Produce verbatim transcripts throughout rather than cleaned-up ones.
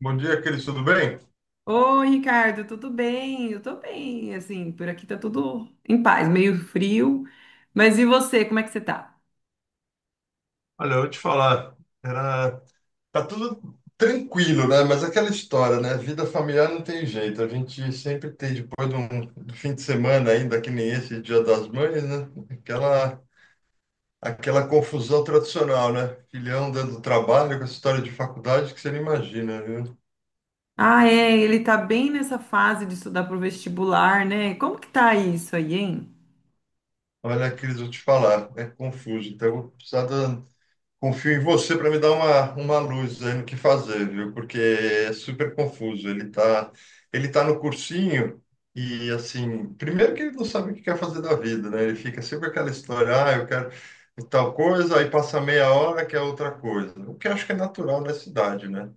Bom dia, Cris, tudo bem? Oi, Ricardo, tudo bem? Eu tô bem, assim, por aqui tá tudo em paz, meio frio. Mas e você, como é que você tá? Olha, eu vou te falar, era, tá tudo tranquilo, né? Mas aquela história, né? Vida familiar não tem jeito. A gente sempre tem, depois de um do fim de semana ainda, que nem esse Dia das Mães, né? Aquela, aquela confusão tradicional, né? Filhão dando trabalho com essa história de faculdade que você não imagina, viu? Ah, é, ele tá bem nessa fase de estudar pro vestibular, né? Como que tá isso aí, hein? Olha, Cris, eu vou te falar, é confuso. Então, eu vou precisar da, confio em você para me dar uma, uma luz aí no que fazer, viu? Porque é super confuso. Ele tá, ele tá no cursinho e, assim, primeiro que ele não sabe o que quer fazer da vida, né? Ele fica sempre aquela história, ah, eu quero tal coisa, aí passa meia hora que é outra coisa. O que eu acho que é natural nessa idade, né?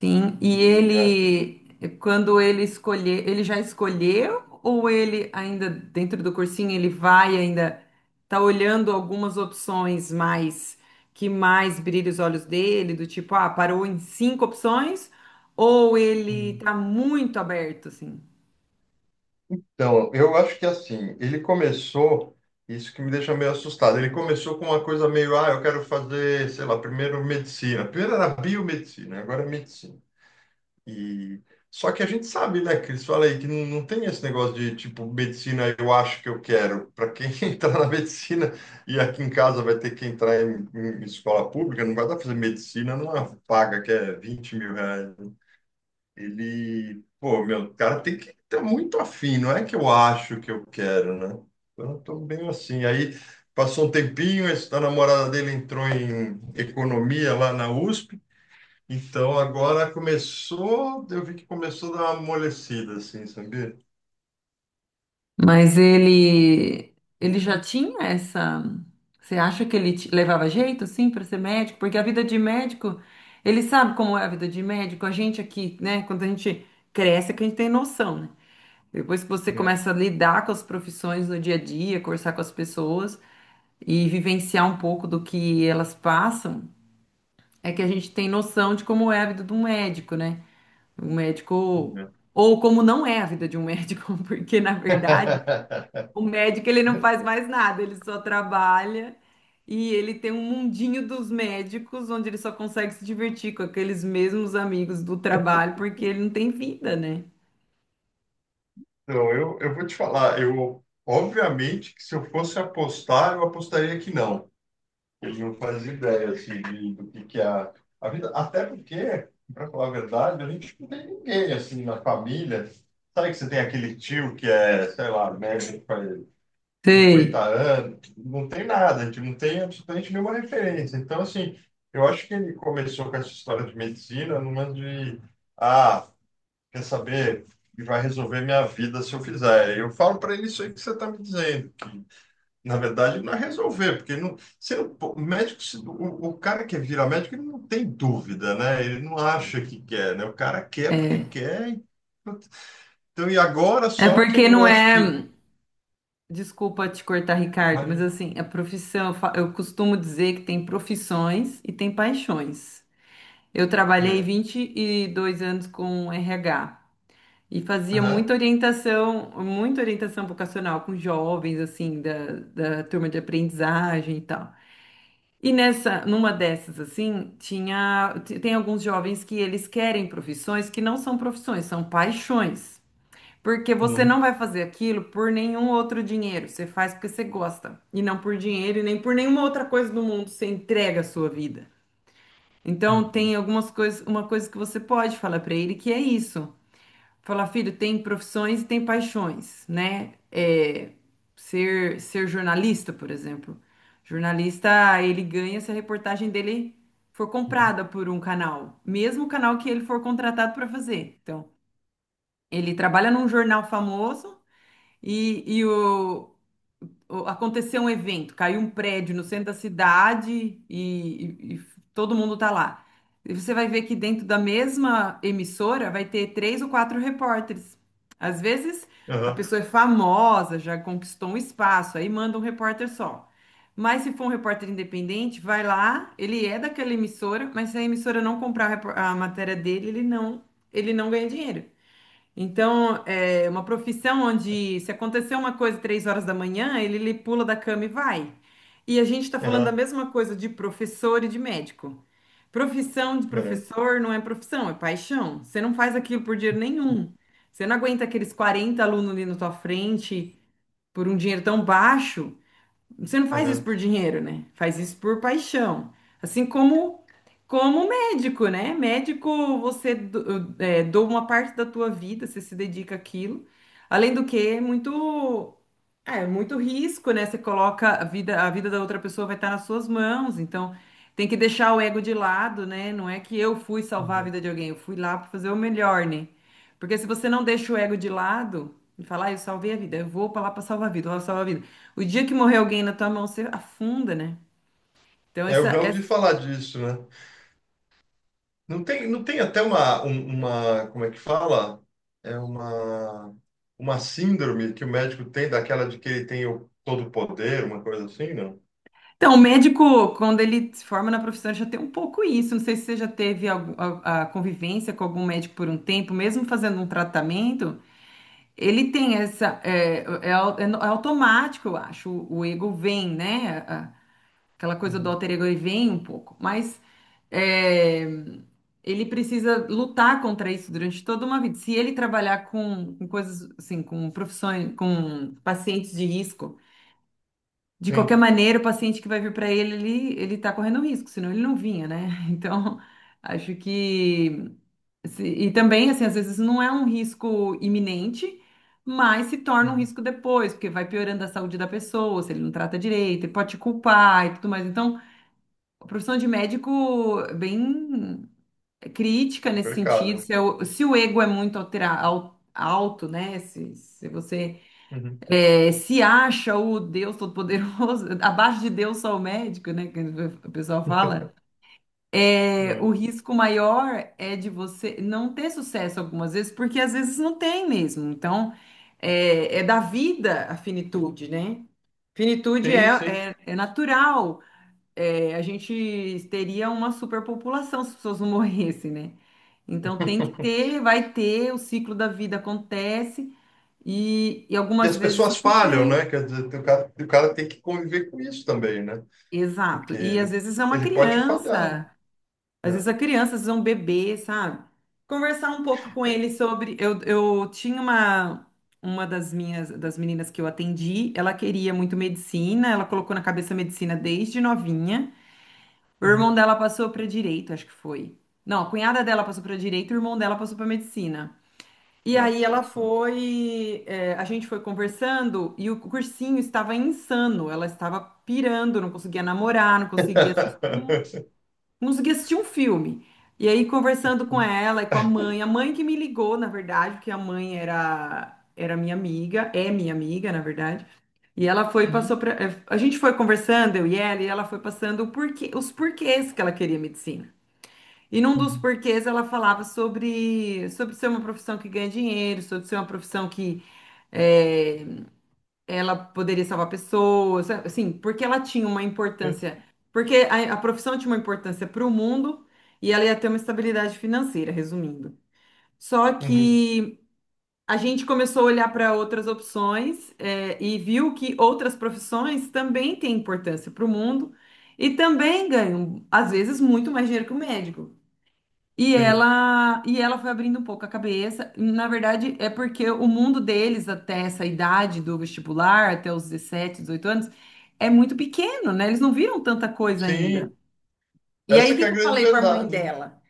Sim, e E, é, ele, quando ele escolher, ele já escolheu ou ele ainda dentro do cursinho ele vai ainda tá olhando algumas opções mais que mais brilha os olhos dele, do tipo, ah, parou em cinco opções ou ele tá muito aberto assim? então, eu acho que assim, ele começou, isso que me deixa meio assustado, ele começou com uma coisa meio, ah, eu quero fazer, sei lá, primeiro medicina. Primeiro era biomedicina, agora é medicina. E só que a gente sabe, né, que eles falam aí que não, não tem esse negócio de tipo medicina, eu acho que eu quero. Para quem entrar na medicina e aqui em casa vai ter que entrar em, em escola pública, não vai dar pra fazer medicina numa paga que é vinte mil reais, né? Ele, pô, meu, o cara tem que estar muito afim, não é que eu acho que eu quero, né? Então, eu tô bem assim. Aí passou um tempinho, esse- a namorada dele entrou em economia lá na USP. Então, agora começou, eu vi que começou a dar uma amolecida, assim, sabia? Mas ele ele já tinha essa. Você acha que ele te- levava jeito, sim, para ser médico? Porque a vida de médico, ele sabe como é a vida de médico. A gente aqui, né? Quando a gente cresce, é que a gente tem noção, né? Depois que você É, começa a lidar com as profissões no dia a dia, conversar com as pessoas e vivenciar um pouco do que elas passam, é que a gente tem noção de como é a vida de um médico, né? Um médico é. ou como não é a vida de um médico, porque na verdade o médico, ele não faz mais nada, ele só trabalha e ele tem um mundinho dos médicos onde ele só consegue se divertir com aqueles mesmos amigos do trabalho porque ele não tem vida, né? Então, eu, eu vou te falar, eu, obviamente, que se eu fosse apostar, eu apostaria que não. Ele não faz ideia, assim, de- do que que é a, a vida, até porque, para falar a verdade, a gente não tem ninguém, assim, na família. Sabe que você tem aquele tio que é, sei lá, médico, cinquenta Sei, anos, não tem nada, a gente não tem absolutamente nenhuma referência. Então, assim, eu acho que ele começou com essa história de medicina numa de, ah, quer saber, e vai resolver minha vida se eu fizer. Eu falo para ele isso aí que você está me dizendo. Na verdade, não é resolver, porque não, você não- pô, o médico, se- o, o cara que vira médico, ele não tem dúvida, né? Ele não acha que quer, né? O cara quer porque é. quer. e- Então, e agora É só porque que não eu é. acho que. Desculpa te cortar, Ricardo, mas Mas, assim, a profissão, eu fa- eu costumo dizer que tem profissões e tem paixões. Eu trabalhei é. vinte e dois anos com R H. E fazia Aham. muita orientação, muita orientação vocacional com jovens, assim, da, da turma de aprendizagem e tal. E nessa, numa dessas, assim, tinha, t- tem alguns jovens que eles querem profissões que não são profissões, são paixões. Porque você Uhum. não vai fazer aquilo por nenhum outro dinheiro, você faz porque você gosta, e não por dinheiro e nem por nenhuma outra coisa do mundo, você entrega a sua vida. Então, Uhum. tem algumas coisas, uma coisa que você pode falar para ele que é isso falar, filho, tem profissões e tem paixões, né? É, ser, ser jornalista, por exemplo. Jornalista, ele ganha se a reportagem dele for Uhum. comprada por um canal, mesmo o canal que ele for contratado para fazer. Então, ele trabalha num jornal famoso e, e o, o- aconteceu um evento, caiu um prédio no centro da cidade e, e- e todo mundo tá lá. E você vai ver que dentro da mesma emissora vai ter três ou quatro repórteres. Às vezes a Aham, pessoa é famosa, já conquistou um espaço, aí manda um repórter só. Mas se for um repórter independente, vai lá, ele é daquela emissora, mas se a emissora não comprar a repor- a matéria dele, ele não, ele não ganha dinheiro. Então, é uma profissão onde se acontecer uma coisa três horas da manhã, ele, ele pula da cama e vai. E a gente está falando da aham, mesma coisa de professor e de médico. Profissão de é, aham, professor não é profissão, é paixão. Você não faz aquilo por dinheiro nenhum. Você não aguenta aqueles quarenta alunos ali na tua frente por um dinheiro tão baixo, você não faz isso aham, por dinheiro, né? Faz isso por paixão. Assim como como médico, né? Médico, você do- é, doa uma parte da tua vida, você se dedica àquilo. Além do que, é muito é é muito risco, né? Você coloca a vida a vida da outra pessoa vai estar nas suas mãos, então tem que deixar o ego de lado, né? Não é que eu fui salvar a uhum. vida de alguém, eu fui lá para fazer o melhor, né? Porque se você não deixa o ego de lado e falar, ah, eu salvei a vida, eu vou pra lá pra salvar a vida, eu vou salvar a vida. O dia que morrer alguém na tua mão, você afunda, né? Então, É, essa, eu já essa- ouvi falar disso, né? Não tem, não tem até uma, um- uma, como é que fala? É uma, uma síndrome que o médico tem, daquela de que ele tem o todo o poder, uma coisa assim, não? Então, o médico, quando ele se forma na profissão, ele já tem um pouco isso. Não sei se você já teve algum- a, a convivência com algum médico por um tempo, mesmo fazendo um tratamento, ele tem essa. É, é, au- é no- é automático, eu acho. O, o ego vem, né? Aquela coisa do Uhum. alter ego ele vem um pouco, mas é, ele precisa lutar contra isso durante toda uma vida. Se ele trabalhar com, com coisas assim, com profissões, com pacientes de risco, de qualquer Sim, maneira, o paciente que vai vir para ele, ele, ele tá correndo risco, senão ele não vinha, né? Então, acho que se- e também assim, às vezes não é um risco iminente, mas se torna um uhum, risco depois, porque vai piorando a saúde da pessoa, se ele não trata direito, ele pode te culpar e tudo mais. Então, a profissão de médico é bem crítica nesse sentido. complicado. Se, é o se o ego é muito altera- al- alto, né? Se, se você Uhum. é, se acha o Deus Todo-Poderoso, abaixo de Deus só o médico, né? Que o pessoal fala. É, o É. risco maior é de você não ter sucesso algumas vezes, porque às vezes não tem mesmo. Então, é, é da vida a finitude, né? Finitude é, Sim, sim. é, é natural, é, a gente teria uma superpopulação se as pessoas não morressem, né? Então tem que ter, vai ter, o ciclo da vida acontece e, e E algumas as vezes pessoas vai falham, ter. né? Quer dizer, o cara, o cara tem que conviver com isso também, né? Exato. Porque E às ele, vezes é uma ele pode falhar, né? criança, às vezes a É. criança, às vezes é um bebê, sabe? Conversar um pouco com ele sobre. Eu, eu tinha uma, uma das minhas das meninas que eu atendi, ela queria muito medicina, ela colocou na cabeça medicina desde novinha. O Uhum. irmão dela passou para direito, acho que foi. Não, a cunhada dela passou para direito, o irmão dela passou para medicina. E Nossa, aí ela pessoal. foi, é, a gente foi conversando e o cursinho estava insano. Ela estava pirando, não conseguia namorar, não conseguia, assis- não conseguia assistir um filme. E aí conversando com ela e com a mãe, a mãe que me ligou, na verdade, porque a mãe era era minha amiga, é minha amiga, na verdade. E ela foi passou Uhum, para, a gente foi conversando eu e ela e ela foi passando o porquê, os porquês que ela queria medicina. E num dos uhum, porquês ela falava sobre, sobre ser uma profissão que ganha dinheiro, sobre ser uma profissão que é, ela poderia salvar pessoas, sabe? Assim, porque ela tinha uma sim, importância, porque a, a profissão tinha uma importância para o mundo e ela ia ter uma estabilidade financeira, resumindo. Só uhum, que a gente começou a olhar para outras opções é, e viu que outras profissões também têm importância para o mundo e também ganham, às vezes, muito mais dinheiro que o médico. E sim. ela, e ela foi abrindo um pouco a cabeça. Na verdade, é porque o mundo deles, até essa idade do vestibular, até os dezessete, dezoito anos, é muito pequeno, né? Eles não viram tanta coisa ainda. Sim, E aí, essa o que que é a que eu grande falei para a mãe verdade, né? dela?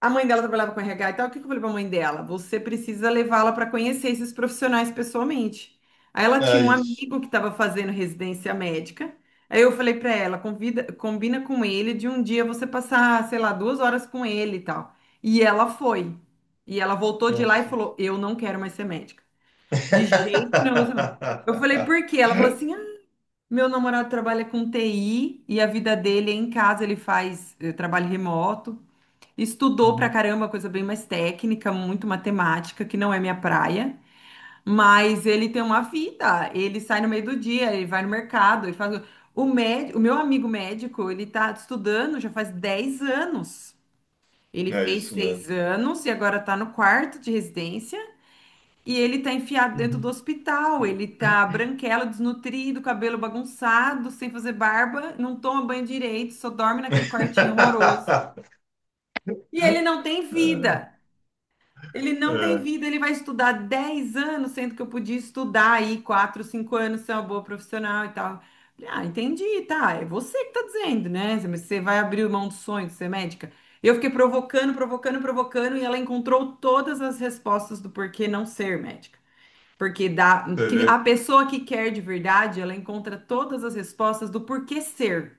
A mãe dela trabalhava com R H e tal. O que que eu falei pra mãe dela? Você precisa levá-la para conhecer esses profissionais pessoalmente. Aí ela É tinha um isso. amigo que estava fazendo residência médica. Aí eu falei pra ela, convida, combina com ele de um dia você passar, sei lá, duas horas com ele e tal. E ela foi. E ela voltou de lá e Nossa. falou: Eu não quero mais ser médica. De jeito nenhum, eu vou ser médica. Eu falei: Por quê? Ela falou assim: "Ah, meu namorado trabalha com T I e a vida dele é em casa, ele faz eh, trabalho remoto. Estudou pra Uhum. caramba, coisa bem mais técnica, muito matemática, que não é minha praia, mas ele tem uma vida, ele sai no meio do dia, ele vai no mercado, ele faz. O médico, o meu amigo médico, ele tá estudando já faz dez anos. Ele É fez isso seis mesmo. anos e agora tá no quarto de residência e ele tá enfiado dentro do Uhum. hospital. Ele tá branquelo, desnutrido, cabelo bagunçado, sem fazer barba, não toma banho direito, só dorme naquele quartinho horroroso. E ele não tem É, vida. Ele não tem é, vida, ele vai estudar dez anos, sendo que eu podia estudar aí quatro, cinco anos, ser uma boa profissional e tal. Falei, ah, entendi, tá. É você que tá dizendo, né? Mas você vai abrir mão do sonho de ser médica? Eu fiquei provocando, provocando, provocando, e ela encontrou todas as respostas do porquê não ser médica. Porque dá, você que a vê, pessoa que quer de verdade, ela encontra todas as respostas do porquê ser.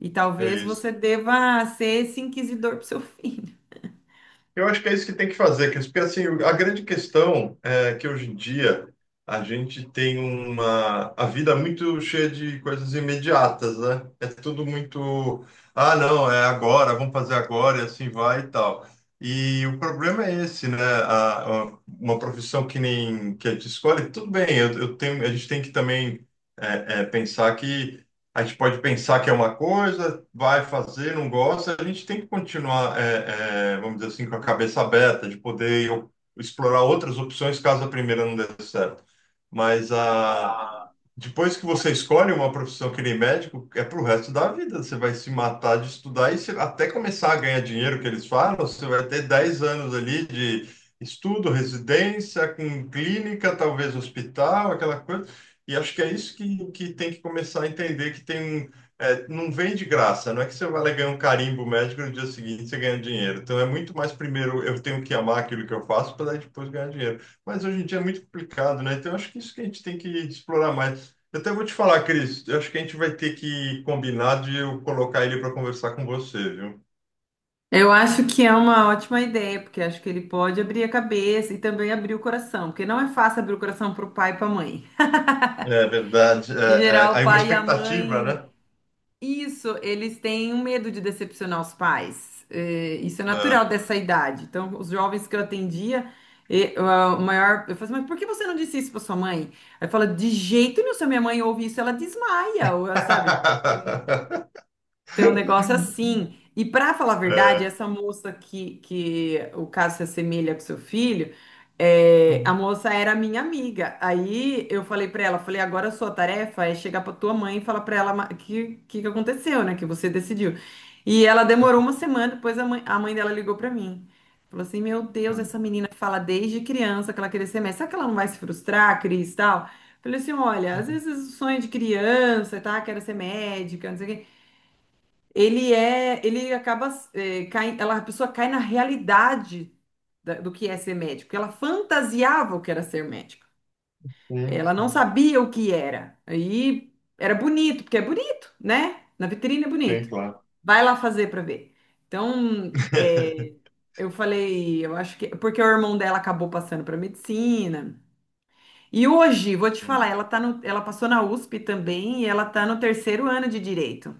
E é talvez isso. você deva ser esse inquisidor pro seu filho. Eu acho que é isso que tem que fazer, que porque assim, a grande questão é que hoje em dia a gente tem uma a vida é muito cheia de coisas imediatas, né? É tudo muito, ah, não, é agora, vamos fazer agora e assim vai e tal. E o problema é esse, né? A, a- uma profissão que nem que a gente escolhe, tudo bem, eu, eu tenho, a gente tem que também é, é, pensar que a gente pode pensar que é uma coisa, vai fazer, não gosta, a gente tem que continuar, é, é, vamos dizer assim, com a cabeça aberta, de poder explorar outras opções caso a primeira não dê certo. Mas Mas, a ah, Depois que você escolhe uma profissão que nem médico, é pro resto da vida. Você vai se matar de estudar e você- até começar a ganhar dinheiro, que eles falam, você vai ter dez anos ali de estudo, residência, com clínica, talvez hospital, aquela coisa. E acho que é isso que, que tem que começar a entender, que tem, um- é, não vem de graça. Não é que você vai lá ganhar um carimbo médico e no dia seguinte você ganha dinheiro. Então é muito mais primeiro eu tenho que amar aquilo que eu faço para depois ganhar dinheiro. Mas hoje em dia é muito complicado, né? Então, eu acho que isso que a gente tem que explorar mais. Eu até vou te falar, Cris, eu acho que a gente vai ter que combinar de eu colocar ele para conversar com você, viu? Eu acho que é uma ótima ideia, porque acho que ele pode abrir a cabeça e também abrir o coração, porque não é fácil abrir o coração para o pai e para a mãe. É verdade. Em É, geral, é, o aí uma pai e a expectativa, mãe, né? isso, eles têm um medo de decepcionar os pais. É, isso é natural É. dessa idade. Então, os jovens que eu atendia, e, ah, o maior, eu falei, assim, mas por que você não disse isso para sua mãe? Aí fala, de jeito nenhum, se a minha mãe ouve isso, ela desmaia, ou, sabe? Tem um negócio assim. E para falar a verdade, É. essa moça que, que o caso se assemelha com seu filho, é, a Uhum. moça era minha amiga. Aí eu falei para ela, falei, agora a sua tarefa é chegar para tua mãe e falar para ela ma- que que que aconteceu, né? Que você decidiu. E ela demorou uma semana, depois a mãe, a mãe dela ligou para mim. Falou assim, meu Deus, essa menina fala desde criança que ela queria ser médica. Será que ela não vai se frustrar, Cris, tal? Falei assim, olha, às vezes o sonho de criança, tá? Quero ser médica, não sei o quê ele é, ele acaba, é, cai- ela, a pessoa cai na realidade da- do que é ser médico, porque ela fantasiava o que era ser médico. Sim, Ela não sim. sabia o que era. Aí era bonito, porque é bonito, né? Na vitrine é Sim, bonito. claro. Vai lá fazer pra ver. Então, é, eu falei, eu acho que porque o irmão dela acabou passando pra medicina. E hoje, vou te falar, Uhum. ela tá no, ela passou na U S P também e ela tá no terceiro ano de direito.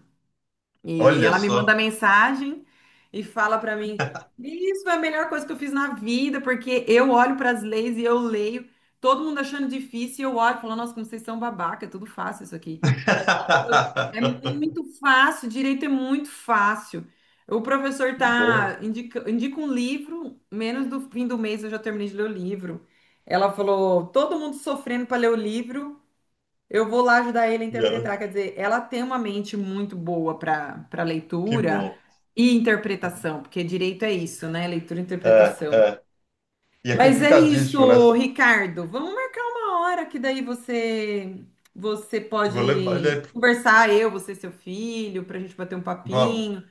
E Olha ela me manda só. mensagem e fala pra mim: Isso é a melhor coisa que eu fiz na vida, porque eu olho para as leis e eu leio, todo mundo achando difícil, e eu olho e falo: Nossa, como vocês são babaca, é tudo fácil isso aqui. É muito fácil, direito é muito fácil. O professor Que bom. tá indica, indica um livro, menos do fim do mês eu já terminei de ler o livro. Ela falou: Todo mundo sofrendo para ler o livro. Eu vou lá ajudar ele a Yeah, interpretar. Quer dizer, ela tem uma mente muito boa para para que leitura bom. e interpretação, porque direito é isso, né? Leitura e É, interpretação. é. E é Mas é complicadíssimo, né? isso, Ricardo. Vamos marcar uma hora que daí você você Eu vou levar ele pode aí. pro- conversar, eu, você, seu filho, para a gente bater um Vamos, papinho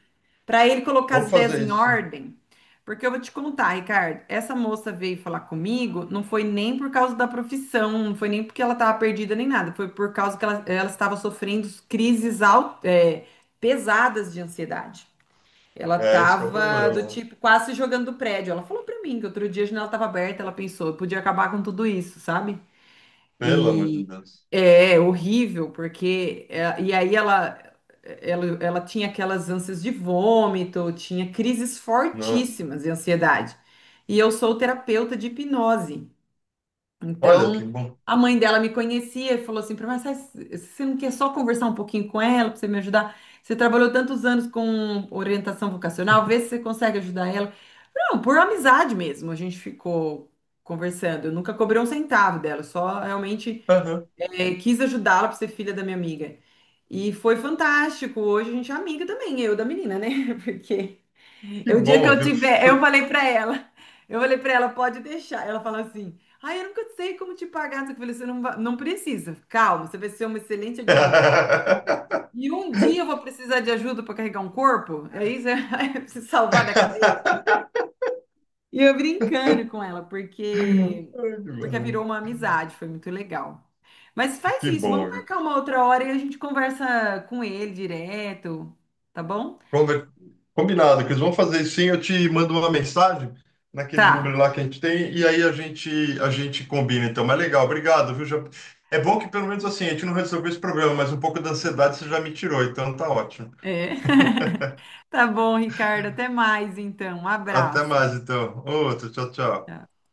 para ele colocar as vamos ideias fazer em isso, sim. ordem. Porque eu vou te contar, Ricardo, essa moça veio falar comigo, não foi nem por causa da profissão, não foi nem porque ela estava perdida nem nada, foi por causa que ela, ela estava sofrendo crises al- é, pesadas de ansiedade. Ela É, isso que é o estava do problema. tipo quase se jogando do prédio. Ela falou para mim que outro dia a janela estava aberta, ela pensou, eu podia acabar com tudo isso, sabe? Pelo amor de E Deus. é, é horrível, porque é, e aí ela, ela ela tinha aquelas ânsias de vômito, tinha crises Nossa. fortíssimas de ansiedade. E eu sou terapeuta de hipnose. Olha que Então, bom. a mãe dela me conhecia e falou assim para mim, "Mas você não quer só conversar um pouquinho com ela para você me ajudar? Você trabalhou tantos anos com orientação vocacional, vê se você consegue ajudar ela. Não, por amizade mesmo, a gente ficou conversando. Eu nunca cobrei um centavo dela, só realmente Aham. é, quis ajudá-la por ser filha da minha amiga. E foi fantástico. Hoje a gente é amiga também, eu da menina, né? Porque Que o dia que bom, eu viu? tiver, eu Por- falei pra ela, eu falei pra ela, pode deixar. Ela falou assim: "Ai, eu nunca sei como te pagar". Eu falei, você não, va- não precisa. Calma, você vai ser uma excelente advogada. Ai, E um dia eu vou precisar de ajuda para carregar um corpo. É isso, é se salvar da cadeia. E eu brincando com ela, porque que porque bom, virou uma amizade, foi muito legal. Mas faz que isso, bom, vamos viu? marcar uma outra hora e a gente conversa com ele direto, tá bom? Conver- Combinado, que eles vão fazer isso sim. Eu te mando uma mensagem naquele número Tá. lá que a gente tem e aí a gente, a gente combina. Então, mas legal, obrigado, viu? Já... É bom que pelo menos assim, a gente não resolveu esse problema, mas um pouco da ansiedade você já me tirou, então tá ótimo. É. Tá bom, Ricardo, até mais então. Um Até abraço. mais, então. Outro, tchau, tchau. Tchau.